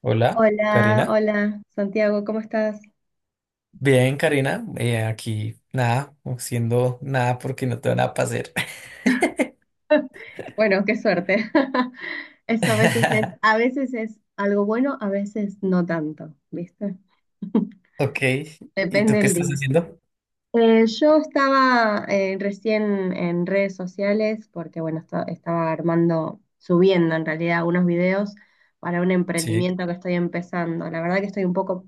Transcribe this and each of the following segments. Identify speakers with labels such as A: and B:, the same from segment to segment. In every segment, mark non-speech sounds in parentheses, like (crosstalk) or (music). A: Hola,
B: Hola,
A: Karina.
B: hola, Santiago, ¿cómo estás?
A: Bien, Karina, aquí nada, haciendo nada porque no tengo nada para hacer.
B: Bueno, qué suerte. (laughs) Eso a
A: (laughs)
B: veces es algo bueno, a veces no tanto, ¿viste? (laughs)
A: Ok, ¿y
B: Depende
A: tú qué
B: del
A: estás
B: día.
A: haciendo?
B: Yo estaba recién en redes sociales porque, bueno, estaba armando, subiendo en realidad unos videos para un
A: Sí.
B: emprendimiento que estoy empezando. La verdad que estoy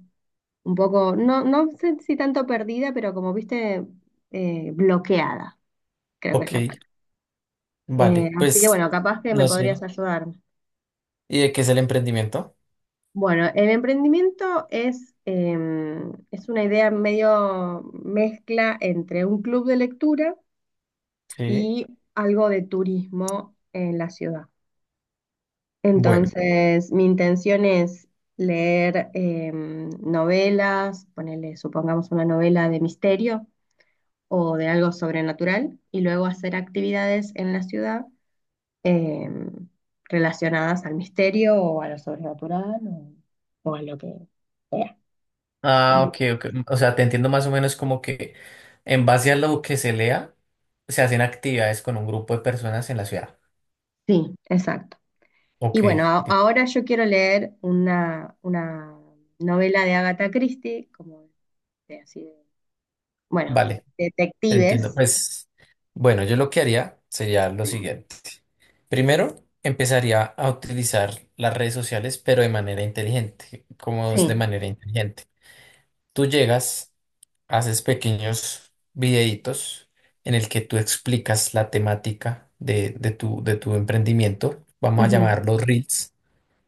B: un poco, no, no sé si tanto perdida, pero como viste, bloqueada, creo que es la.
A: Ok, vale,
B: Así que
A: pues
B: bueno, capaz que me
A: no
B: podrías
A: sé.
B: ayudar.
A: ¿Y de qué es el emprendimiento?
B: Bueno, el emprendimiento es una idea medio mezcla entre un club de lectura
A: Sí.
B: y algo de turismo en la ciudad.
A: Bueno.
B: Entonces, mi intención es leer novelas, ponerle, supongamos, una novela de misterio o de algo sobrenatural, y luego hacer actividades en la ciudad eh, relacionadas al misterio o a lo sobrenatural o a lo que sea. Como
A: Ah,
B: lo-
A: ok, ok. O sea, te entiendo más o menos como que en base a lo que se lea, se hacen actividades con un grupo de personas en la ciudad.
B: Sí, exacto.
A: Ok,
B: Y bueno,
A: listo.
B: ahora yo quiero leer una novela de Agatha Christie, como de, así de, bueno,
A: Vale, te entiendo.
B: detectives.
A: Pues bueno, yo lo que haría sería lo
B: Sí.
A: siguiente. Primero, empezaría a utilizar las redes sociales, pero de manera inteligente. Como es de
B: Sí.
A: manera inteligente? Tú llegas, haces pequeños videitos en el que tú explicas la temática de tu emprendimiento. Vamos a
B: Ujú.
A: llamarlos Reels.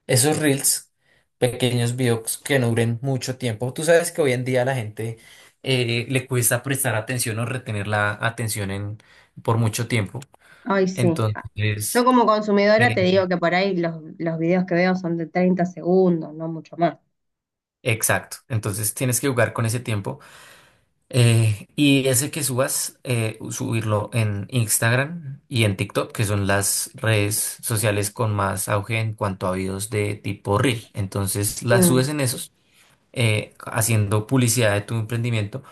A: Esos Reels, pequeños videos que no duren mucho tiempo. Tú sabes que hoy en día a la gente le cuesta prestar atención o retener por mucho tiempo.
B: Ay, sí.
A: Entonces
B: Yo como consumidora
A: eh,
B: te digo que por ahí los videos que veo son de 30 segundos, no mucho más.
A: exacto, entonces tienes que jugar con ese tiempo y ese que subas, subirlo en Instagram y en TikTok, que son las redes sociales con más auge en cuanto a videos de tipo Reel. Entonces las
B: Mm.
A: subes en esos, haciendo publicidad de tu emprendimiento,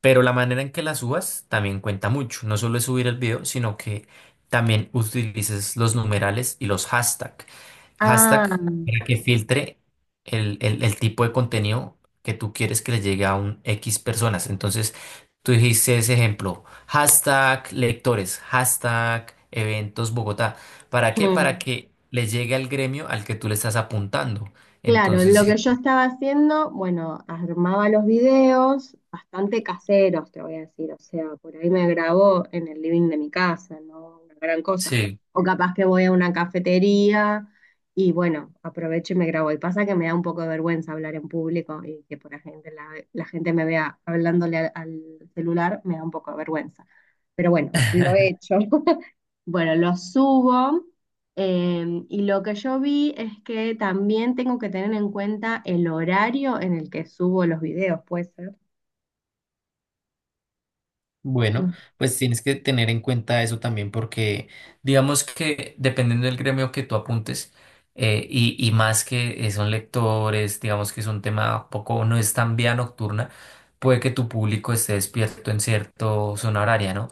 A: pero la manera en que las subas también cuenta mucho. No solo es subir el video, sino que también utilices los numerales y los hashtags.
B: Ah.
A: Hashtag para que filtre el tipo de contenido que tú quieres que le llegue a un X personas. Entonces, tú dijiste ese ejemplo. Hashtag lectores, hashtag eventos Bogotá. ¿Para qué? Para
B: Mm.
A: que le llegue al gremio al que tú le estás apuntando.
B: Claro,
A: Entonces,
B: lo
A: sí.
B: que yo estaba haciendo, bueno, armaba los videos bastante caseros, te voy a decir, o sea, por ahí me grabo en el living de mi casa, no una gran cosa.
A: Sí.
B: O capaz que voy a una cafetería y bueno, aprovecho y me grabo. Y pasa que me da un poco de vergüenza hablar en público y que por la gente, la gente me vea hablándole al, al celular, me da un poco de vergüenza. Pero bueno, lo he hecho. Bueno, lo subo, y lo que yo vi es que también tengo que tener en cuenta el horario en el que subo los videos, puede ser.
A: Bueno,
B: No.
A: pues tienes que tener en cuenta eso también porque digamos que dependiendo del gremio que tú apuntes, y más que son lectores, digamos que es un tema poco, no es tan vía nocturna, puede que tu público esté despierto en cierto zona horaria, ¿no?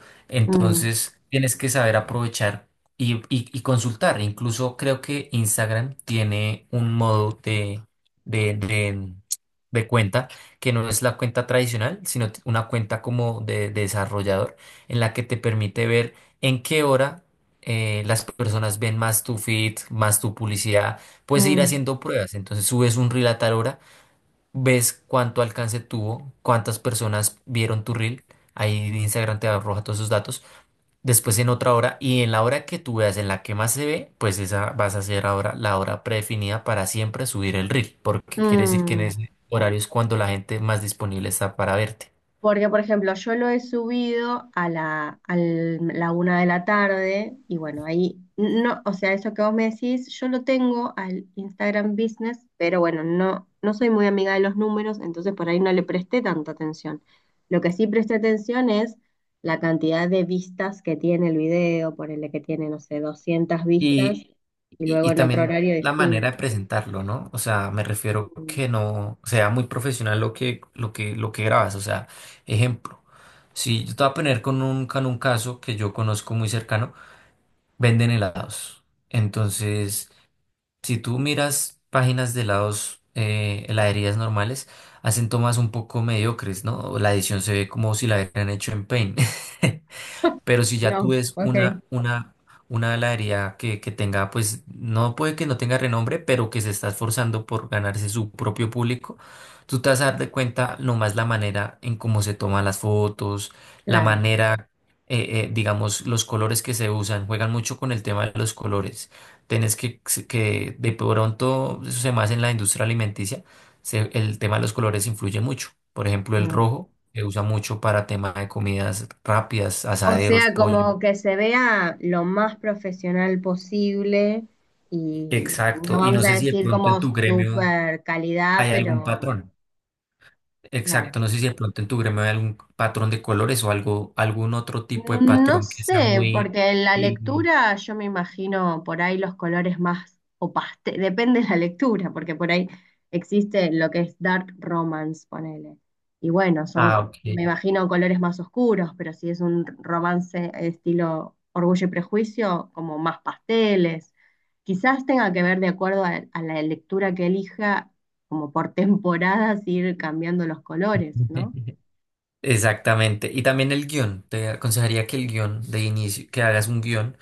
B: Mm,
A: Entonces tienes que saber aprovechar y consultar. Incluso creo que Instagram tiene un modo de de cuenta que no es la cuenta tradicional, sino una cuenta como de desarrollador, en la que te permite ver en qué hora las personas ven más tu feed, más tu publicidad. Puedes ir
B: mm,
A: haciendo pruebas. Entonces subes un reel a tal hora, ves cuánto alcance tuvo, cuántas personas vieron tu reel. Ahí Instagram te arroja todos esos datos después en otra hora, y en la hora que tú veas en la que más se ve, pues esa vas a hacer ahora la hora predefinida para siempre subir el reel, porque quiere decir que en
B: mm.
A: ese horario es cuando la gente más disponible está para verte.
B: Porque, por ejemplo, yo lo he subido a la una de la tarde y bueno, ahí, no, o sea, eso que vos me decís, yo lo tengo al Instagram Business, pero bueno, no, no soy muy amiga de los números, entonces por ahí no le presté tanta atención. Lo que sí presté atención es la cantidad de vistas que tiene el video, ponele que tiene, no sé, 200 vistas
A: Y,
B: y
A: y,
B: luego
A: y
B: en otro
A: también
B: horario
A: la manera
B: distinto.
A: de presentarlo, ¿no? O sea, me refiero
B: Mm.
A: que no sea muy profesional lo que grabas, o sea, ejemplo. Si yo te voy a poner con un caso que yo conozco muy cercano, venden helados. Entonces, si tú miras páginas de helados, heladerías normales, hacen tomas un poco mediocres, ¿no? O la edición se ve como si la hubieran hecho en Paint. (laughs) Pero si ya tú
B: No,
A: ves
B: ok.
A: una heladería que tenga, pues no puede que no tenga renombre, pero que se está esforzando por ganarse su propio público, tú te vas a dar de cuenta nomás la manera en cómo se toman las fotos, la
B: Claro.
A: manera, digamos, los colores que se usan, juegan mucho con el tema de los colores. Tienes que de pronto, eso se más en la industria alimenticia el tema de los colores influye mucho. Por ejemplo, el rojo se usa mucho para tema de comidas rápidas,
B: O
A: asaderos,
B: sea,
A: pollo.
B: como que se vea lo más profesional posible y no
A: Exacto. Y no
B: vamos a
A: sé si de
B: decir
A: pronto en
B: como
A: tu gremio
B: super calidad,
A: hay algún
B: pero
A: patrón.
B: claro.
A: Exacto. No sé si de pronto en tu gremio hay algún patrón de colores o algo, algún otro tipo de
B: No
A: patrón que sea
B: sé,
A: muy...
B: porque en la
A: y-
B: lectura yo me imagino por ahí los colores más o depende de la lectura, porque por ahí existe lo que es dark romance, ponele. Y bueno,
A: Ah,
B: son,
A: ok.
B: me imagino colores más oscuros, pero si es un romance estilo Orgullo y Prejuicio, como más pasteles. Quizás tenga que ver de acuerdo a la lectura que elija, como por temporadas ir cambiando los colores, ¿no?
A: (laughs) Exactamente. Y también el guión. Te aconsejaría que el guión de inicio, que hagas un guión,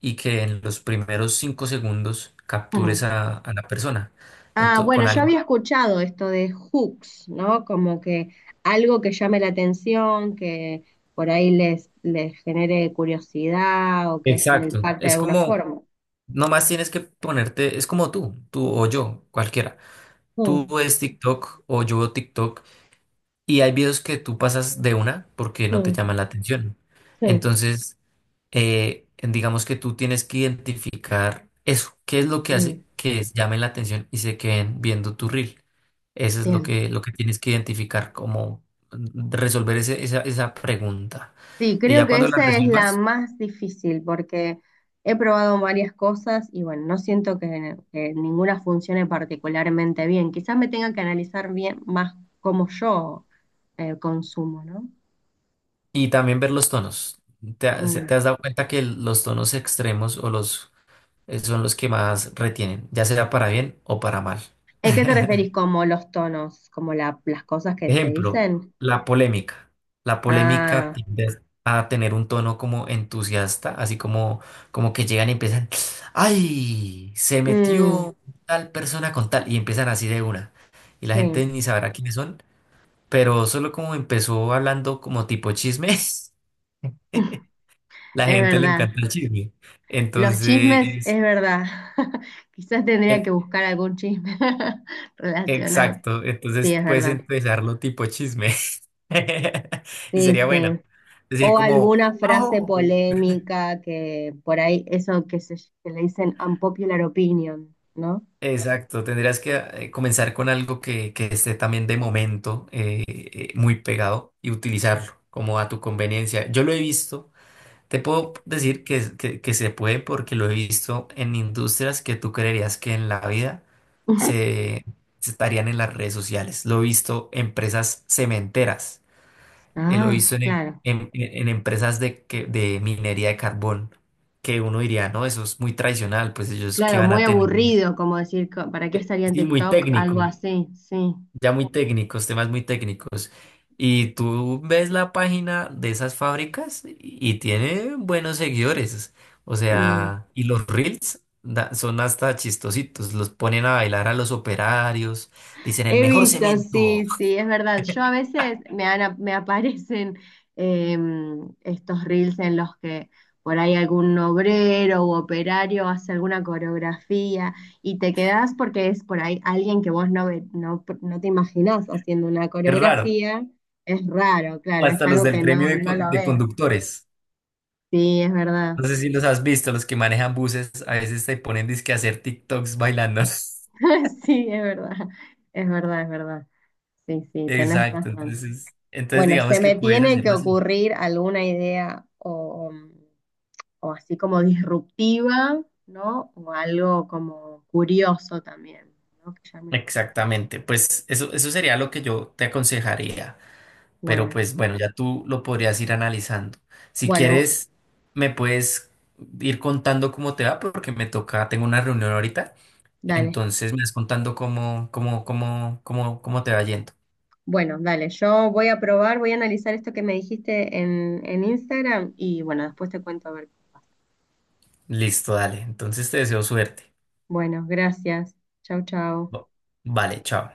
A: y que en los primeros 5 segundos captures
B: Mm.
A: a la persona.
B: Ah, bueno,
A: Con
B: yo
A: algo.
B: había escuchado esto de hooks, ¿no? Como que algo que llame la atención, que por ahí les, les genere curiosidad o que se le
A: Exacto.
B: impacte de
A: Es
B: alguna
A: como,
B: forma.
A: nomás tienes que ponerte, es como tú o yo, cualquiera. Tú
B: Mm,
A: ves TikTok o yo veo TikTok, y hay videos que tú pasas de una porque no te
B: mm,
A: llaman la atención.
B: sí,
A: Entonces, digamos que tú tienes que identificar eso. ¿Qué es lo que hace
B: mm,
A: que llamen la atención y se queden viendo tu reel? Eso es lo
B: bien.
A: que, lo que tienes que identificar, como resolver esa pregunta.
B: Sí,
A: Y
B: creo
A: ya
B: que
A: cuando la
B: esa es la
A: resuelvas,
B: más difícil porque he probado varias cosas y bueno, no siento que ninguna funcione particularmente bien. Quizás me tenga que analizar bien más cómo yo consumo, ¿no?
A: y también ver los tonos.
B: Mm.
A: Te has dado cuenta que los tonos extremos o los, son los que más retienen, ya sea para bien o para mal?
B: ¿A qué te
A: (laughs)
B: referís como los tonos? ¿Como las cosas que se
A: Ejemplo,
B: dicen?
A: la polémica. La polémica
B: Ah,
A: tiende a tener un tono como entusiasta, así como, como que llegan y empiezan, ¡ay! Se
B: mm,
A: metió tal persona con tal, y empiezan así de una. Y la
B: sí,
A: gente ni sabrá quiénes son, pero solo como empezó hablando como tipo chismes, (laughs) la
B: es
A: gente le
B: verdad.
A: encanta el chisme.
B: Los chismes,
A: Entonces,
B: es verdad. (laughs) Quizás tendría
A: e-
B: que buscar algún chisme (laughs) relacionado.
A: exacto,
B: Sí,
A: entonces
B: es
A: puedes
B: verdad.
A: empezarlo tipo chisme. (laughs) Y
B: Sí,
A: sería bueno.
B: sí.
A: Decir
B: O
A: como...
B: alguna frase
A: ¡Oh!
B: polémica que por ahí, eso que, se, que le dicen unpopular opinion, ¿no?
A: Exacto, tendrías que comenzar con algo que esté también de momento muy pegado y utilizarlo como a tu conveniencia. Yo lo he visto, te puedo decir que, que se puede porque lo he visto en industrias que tú creerías que en la vida
B: (laughs)
A: se, se estarían en las redes sociales. Lo he visto en empresas cementeras, lo he
B: Ah,
A: visto en,
B: claro.
A: en empresas de, de minería de carbón, que uno diría, no, eso es muy tradicional, pues ellos qué
B: Claro,
A: van
B: muy
A: a tener.
B: aburrido, como decir, ¿para qué estaría en
A: Sí, muy
B: TikTok? Algo
A: técnico,
B: así, sí.
A: ya muy técnicos, temas muy técnicos. Y tú ves la página de esas fábricas y tiene buenos seguidores. O
B: Mm.
A: sea, y los reels son hasta chistositos. Los ponen a bailar a los operarios. Dicen el
B: He
A: mejor
B: visto,
A: cemento.
B: sí, sí, es verdad. Yo a veces me, me aparecen estos reels en los que por ahí algún obrero u operario hace alguna coreografía y te quedás porque es por ahí alguien que vos no, no, no te imaginás haciendo una
A: Es raro.
B: coreografía. Es raro,
A: O
B: claro, es
A: hasta los
B: algo
A: del
B: que no,
A: gremio de,
B: no lo
A: de
B: ves.
A: conductores.
B: Sí, es verdad.
A: No sé si los has visto, los que manejan buses, a veces te ponen disque a hacer TikToks bailando. (laughs)
B: (laughs) Sí, es verdad. Es verdad, es verdad. Sí, sí, tenés
A: Exacto,
B: razón.
A: entonces, entonces
B: Bueno, se
A: digamos que
B: me
A: puedes
B: tiene que
A: hacerlas.
B: ocurrir alguna idea o así como disruptiva, ¿no? O algo como curioso también, ¿no? Que llame la atención.
A: Exactamente, pues eso sería lo que yo te aconsejaría, pero
B: Bueno,
A: pues bueno, ya tú lo podrías ir analizando. Si
B: bueno,
A: quieres, me puedes ir contando cómo te va, porque me toca, tengo una reunión ahorita,
B: dale.
A: entonces me vas contando cómo te va yendo.
B: Bueno, dale. Yo voy a probar, voy a analizar esto que me dijiste en Instagram y bueno, después te cuento a ver.
A: Listo, dale, entonces te deseo suerte.
B: Bueno, gracias. Chau, chau.
A: Bo- Vale, chao.